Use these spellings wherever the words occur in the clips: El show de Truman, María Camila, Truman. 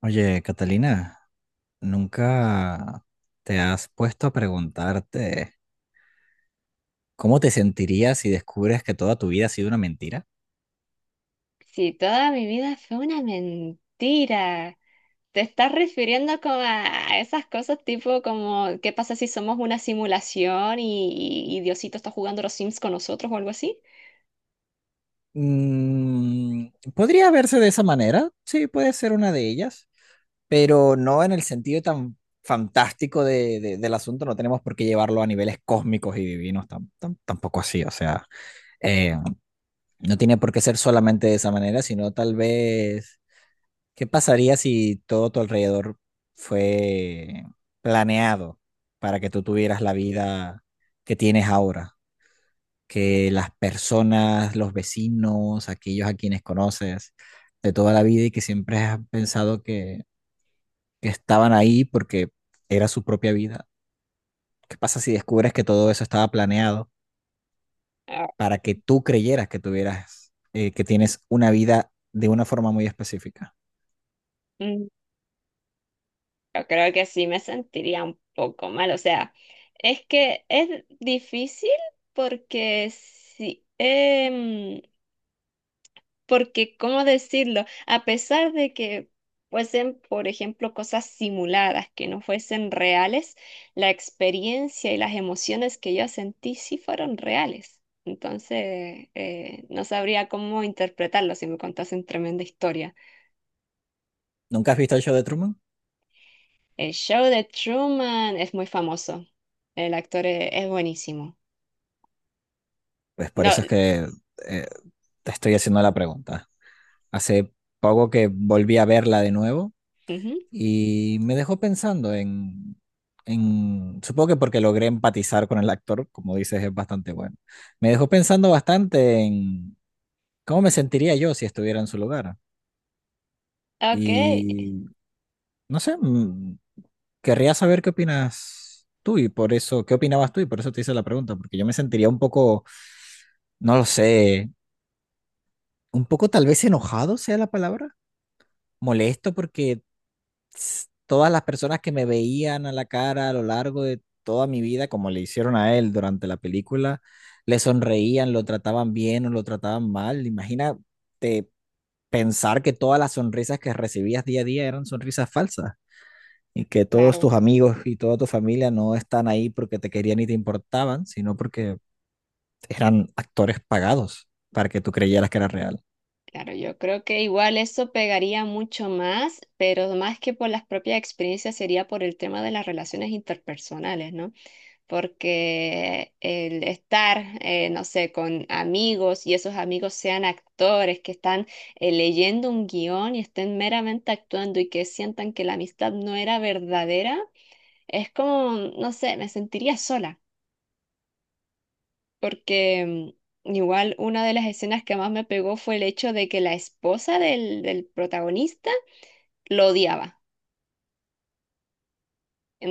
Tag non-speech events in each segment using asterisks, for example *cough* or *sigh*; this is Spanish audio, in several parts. Oye, Catalina, ¿nunca te has puesto a preguntarte cómo te sentirías si descubres que toda tu vida ha sido una mentira? Si toda mi vida fue una mentira. Te estás refiriendo como a esas cosas tipo como, ¿qué pasa si somos una simulación y Diosito está jugando a los Sims con nosotros o algo así? Mm, podría verse de esa manera, sí, puede ser una de ellas, pero no en el sentido tan fantástico del asunto. No tenemos por qué llevarlo a niveles cósmicos y divinos, tampoco así, o sea, eh, no tiene por qué ser solamente de esa manera, sino tal vez. ¿Qué pasaría si todo tu alrededor fue planeado para que tú tuvieras la vida que tienes ahora? Que las personas, los vecinos, aquellos a quienes conoces de toda la vida y que siempre has pensado que estaban ahí porque era su propia vida. ¿Qué pasa si descubres que todo eso estaba planeado Ah, para que tú creyeras que tuvieras, que tienes una vida de una forma muy específica? mm, yo creo que sí me sentiría un poco mal. O sea, es que es difícil porque sí porque, ¿cómo decirlo? A pesar de que fuesen, por ejemplo, cosas simuladas, que no fuesen reales, la experiencia y las emociones que yo sentí sí fueron reales. Entonces, no sabría cómo interpretarlo si me contasen tremenda historia. ¿Nunca has visto el show de Truman? El show de Truman es muy famoso. El actor es buenísimo. Pues por No, eso es que eh, te estoy haciendo la pregunta. Hace poco que volví a verla de nuevo ujú, y me dejó pensando en supongo que porque logré empatizar con el actor, como dices, es bastante bueno. Me dejó pensando bastante en cómo me sentiría yo si estuviera en su lugar. ok, Y no sé, mm, querría saber qué opinas tú y por eso, qué opinabas tú y por eso te hice la pregunta, porque yo me sentiría un poco, no lo sé, un poco tal vez enojado sea la palabra, molesto, porque todas las personas que me veían a la cara a lo largo de toda mi vida, como le hicieron a él durante la película, le sonreían, lo trataban bien o lo trataban mal. Imagínate pensar que todas las sonrisas que recibías día a día eran sonrisas falsas y que todos tus claro. amigos y toda tu familia no están ahí porque te querían y te importaban, sino porque eran actores pagados para que tú creyeras que era real. Claro, yo creo que igual eso pegaría mucho más, pero más que por las propias experiencias sería por el tema de las relaciones interpersonales, ¿no? Porque el estar, no sé, con amigos y esos amigos sean actores que están leyendo un guión y estén meramente actuando y que sientan que la amistad no era verdadera, es como, no sé, me sentiría sola porque mm, igual una de las escenas que más me pegó fue el hecho de que la esposa del protagonista lo odiaba.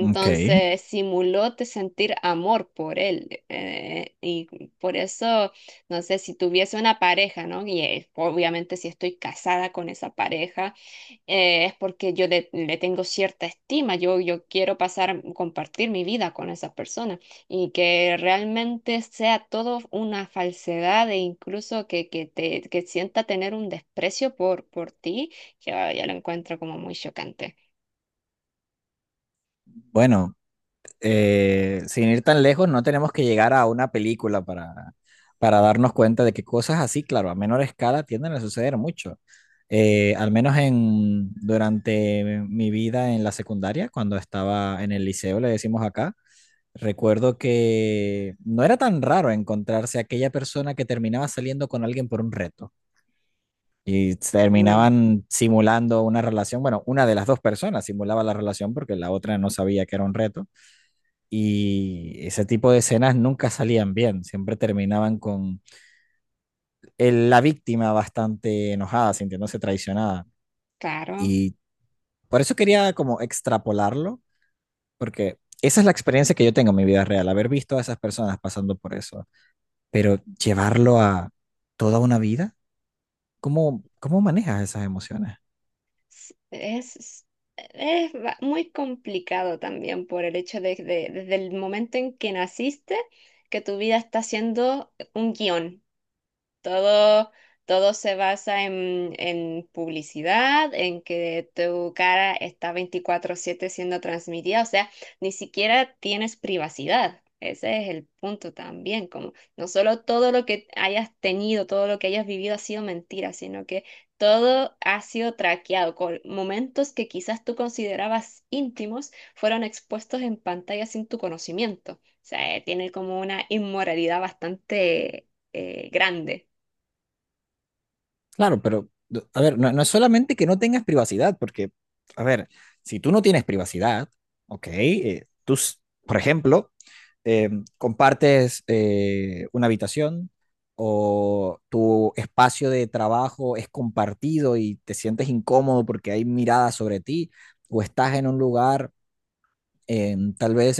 Ok, simuló te sentir amor por él. Y por eso, no sé, si tuviese una pareja, ¿no? Y obviamente si estoy casada con esa pareja. Es porque le tengo cierta estima, yo quiero pasar, compartir mi vida con esa persona y que realmente sea todo una falsedad e incluso que sienta tener un desprecio por ti, ya lo encuentro como muy chocante. bueno. Sin ir tan lejos, no tenemos que llegar a una película para darnos cuenta de que cosas así, claro, a menor escala tienden a suceder mucho. Al menos en, durante mi vida en la secundaria, cuando estaba en el liceo, le decimos acá, recuerdo que no era tan raro encontrarse aquella persona que terminaba saliendo con alguien por un reto y Mm, terminaban simulando una relación, bueno, una de las dos personas simulaba la relación porque la otra no sabía que era un reto, y ese tipo de escenas nunca salían bien, siempre terminaban con la víctima bastante enojada, sintiéndose traicionada. claro, Y por eso quería como extrapolarlo, porque esa es la experiencia que yo tengo en mi vida real, haber visto a esas personas pasando por eso, pero llevarlo a toda una vida. ¿Cómo, cómo manejas esas emociones? s- es... es- es muy complicado también por el hecho desde el momento en que naciste, que tu vida está siendo un guión. Todo, todo se basa en publicidad, en que tu cara está 24/7 siendo transmitida. O sea, ni siquiera tienes privacidad. Ese es el punto también, como no solo todo lo que hayas tenido, todo lo que hayas vivido ha sido mentira, sino que todo ha sido traqueado, con momentos que quizás tú considerabas íntimos fueron expuestos en pantalla sin tu conocimiento. O sea, tiene como una inmoralidad bastante grande. Claro, pero, a ver, no, no es solamente que no tengas privacidad, porque, a ver, si tú no tienes privacidad, ok, tú, por ejemplo, eh, compartes una habitación o tu espacio de trabajo es compartido y te sientes incómodo porque hay miradas sobre ti, o estás en un lugar, tal vez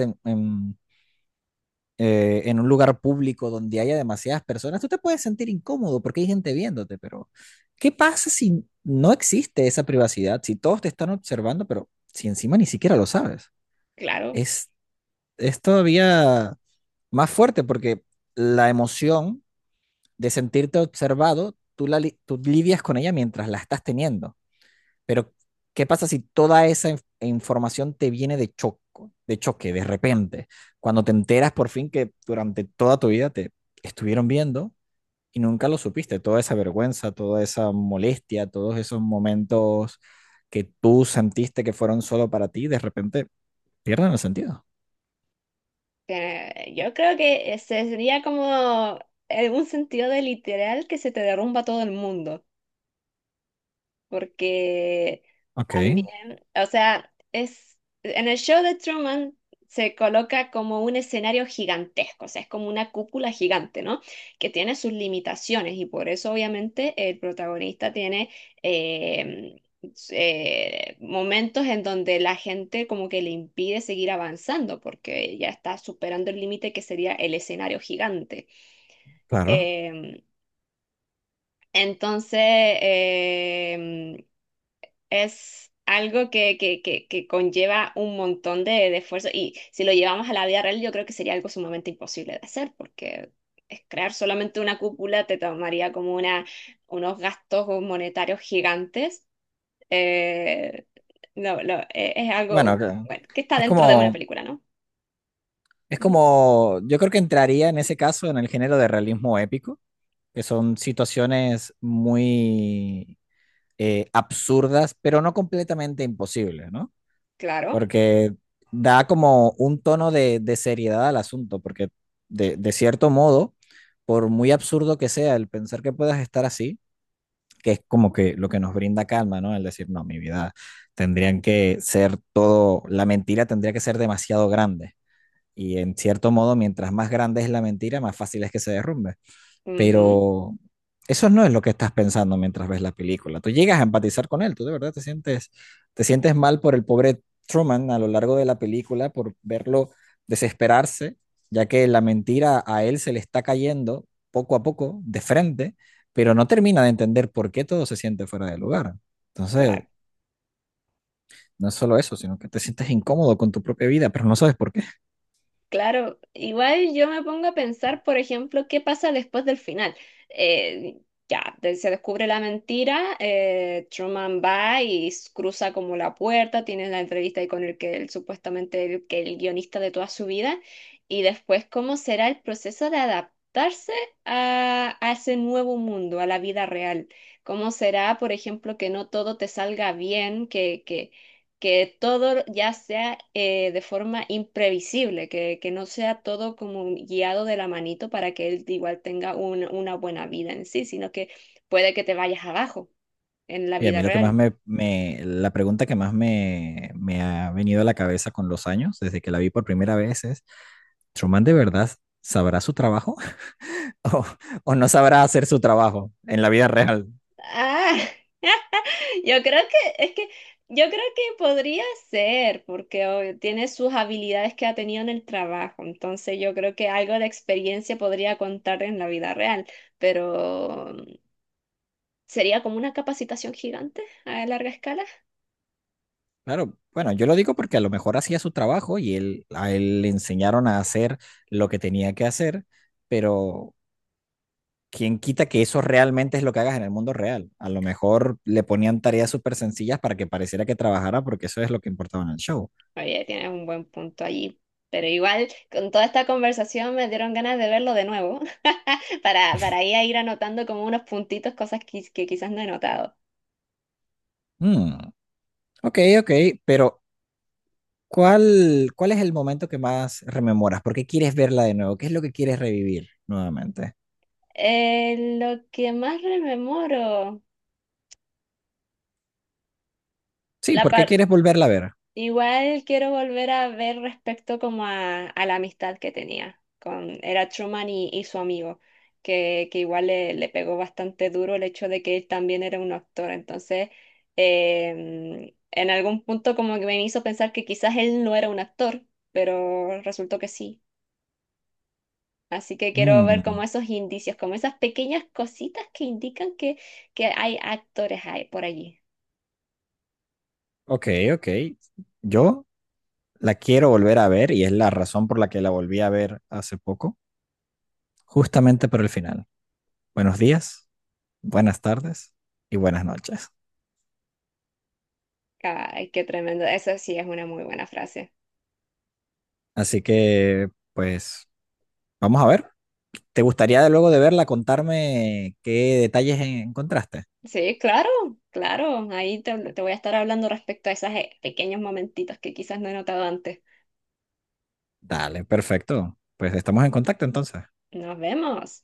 en un lugar público donde haya demasiadas personas, tú te puedes sentir incómodo porque hay gente viéndote, pero ¿qué pasa si no existe esa privacidad? Si todos te están observando, pero si encima ni siquiera lo sabes. Claro, Es, es todavía más fuerte porque la emoción de sentirte observado, tú, tú lidias con ella mientras la estás teniendo. Pero ¿qué pasa si toda esa información te viene de choco, de choque, de repente? Cuando te enteras por fin que durante toda tu vida te estuvieron viendo y nunca lo supiste, toda esa vergüenza, toda esa molestia, todos esos momentos que tú sentiste que fueron solo para ti, de repente pierden el sentido. Yo creo que ese sería como en un sentido de literal que se te derrumba todo el mundo. Porque Ok, también, o sea, es en el show de Truman se coloca como un escenario gigantesco, o sea, es como una cúpula gigante, ¿no? Que tiene sus limitaciones y por eso obviamente el protagonista tiene eh, momentos en donde la gente como que le impide seguir avanzando porque ya está superando el límite que sería el escenario gigante. claro. Em, entonces, em, es algo que conlleva un montón de esfuerzo y si lo llevamos a la vida real, yo creo que sería algo sumamente imposible de hacer porque es crear solamente una cúpula te tomaría unos gastos monetarios gigantes. Eh, no, es Bueno, ok. algo, bueno, que está Es dentro de una como, película, ¿no? es Ujú. como, yo creo que entraría en ese caso en el género de realismo épico, que son situaciones muy absurdas, pero no completamente imposibles, ¿no? Claro. Porque da como un tono de seriedad al asunto, porque de cierto modo, por muy absurdo que sea el pensar que puedas estar así, que es como que lo que nos brinda calma, ¿no? El decir, no, mi vida tendrían que ser todo, la mentira tendría que ser demasiado grande. Y en cierto modo, mientras más grande es la mentira, más fácil es que se derrumbe. Ujú, Pero eso no es lo que estás pensando mientras ves la película. Tú llegas a empatizar con él, tú de verdad te sientes mal por el pobre Truman a lo largo de la película, por verlo desesperarse, ya que la mentira a él se le está cayendo poco a poco, de frente, pero no termina de entender por qué todo se siente fuera de lugar. Entonces, claro. no es solo eso, sino que te sientes incómodo con tu propia vida, pero no sabes por qué. Claro, igual yo me pongo a pensar, por ejemplo, qué pasa después del final. Eh, ya, se descubre la mentira. Truman va y cruza como la puerta, tiene la entrevista ahí con el que él supuestamente el guionista de toda su vida, y después cómo será el proceso de adaptarse a ese nuevo mundo, a la vida real. Cómo será, por ejemplo, que no todo te salga bien, que todo ya sea de forma imprevisible, que no sea todo como guiado de la manito para que él igual tenga una buena vida en sí, sino que puede que te vayas abajo en la Y a vida mí lo que más real. La pregunta que más me ha venido a la cabeza con los años, desde que la vi por primera vez, es, ¿Truman de verdad sabrá su trabajo *laughs* o, o no sabrá hacer su trabajo en la vida real? Ah, *laughs* yo creo que es que yo creo que podría ser, porque oh, tiene sus habilidades que ha tenido en el trabajo, entonces yo creo que algo de experiencia podría contar en la vida real, pero mm, sería como una capacitación gigante a larga escala. Claro, bueno, yo lo digo porque a lo mejor hacía su trabajo y él, a él le enseñaron a hacer lo que tenía que hacer, pero ¿quién quita que eso realmente es lo que hagas en el mundo real? A lo mejor le ponían tareas súper sencillas para que pareciera que trabajara porque eso es lo que importaba en el show. Oye, tienes un buen punto allí. Pero igual, con toda esta conversación me dieron ganas de verlo de nuevo, *laughs* para ahí a ir anotando como unos puntitos, cosas que quizás no he notado. Hmm. Ok, ok, pero ¿cuál, cuál es el momento que más rememoras? ¿Por qué quieres verla de nuevo? ¿Qué es lo que quieres revivir nuevamente? Lo que más rememoro, Sí, la, ¿por qué par- quieres volverla a ver? igual quiero volver a ver respecto como a la amistad que tenía con, era Truman y su amigo, que igual le pegó bastante duro el hecho de que él también era un actor. Entonces, en algún punto como que me hizo pensar que quizás él no era un actor, pero resultó que sí. Así que quiero ver como Mm, esos indicios, como esas pequeñas cositas que indican que hay actores ahí por allí. ok, ok. Yo la quiero volver a ver y es la razón por la que la volví a ver hace poco, justamente por el final. Buenos días, buenas tardes y buenas noches. Ay, qué tremendo. Eso sí es una muy buena frase. Así que, pues, vamos a ver. ¿Te gustaría luego de verla contarme qué detalles encontraste? Sí, claro, claro. Ahí te voy a estar hablando respecto a esos pequeños momentitos que quizás no he notado antes. Dale, perfecto. Pues estamos en contacto entonces. Nos vemos.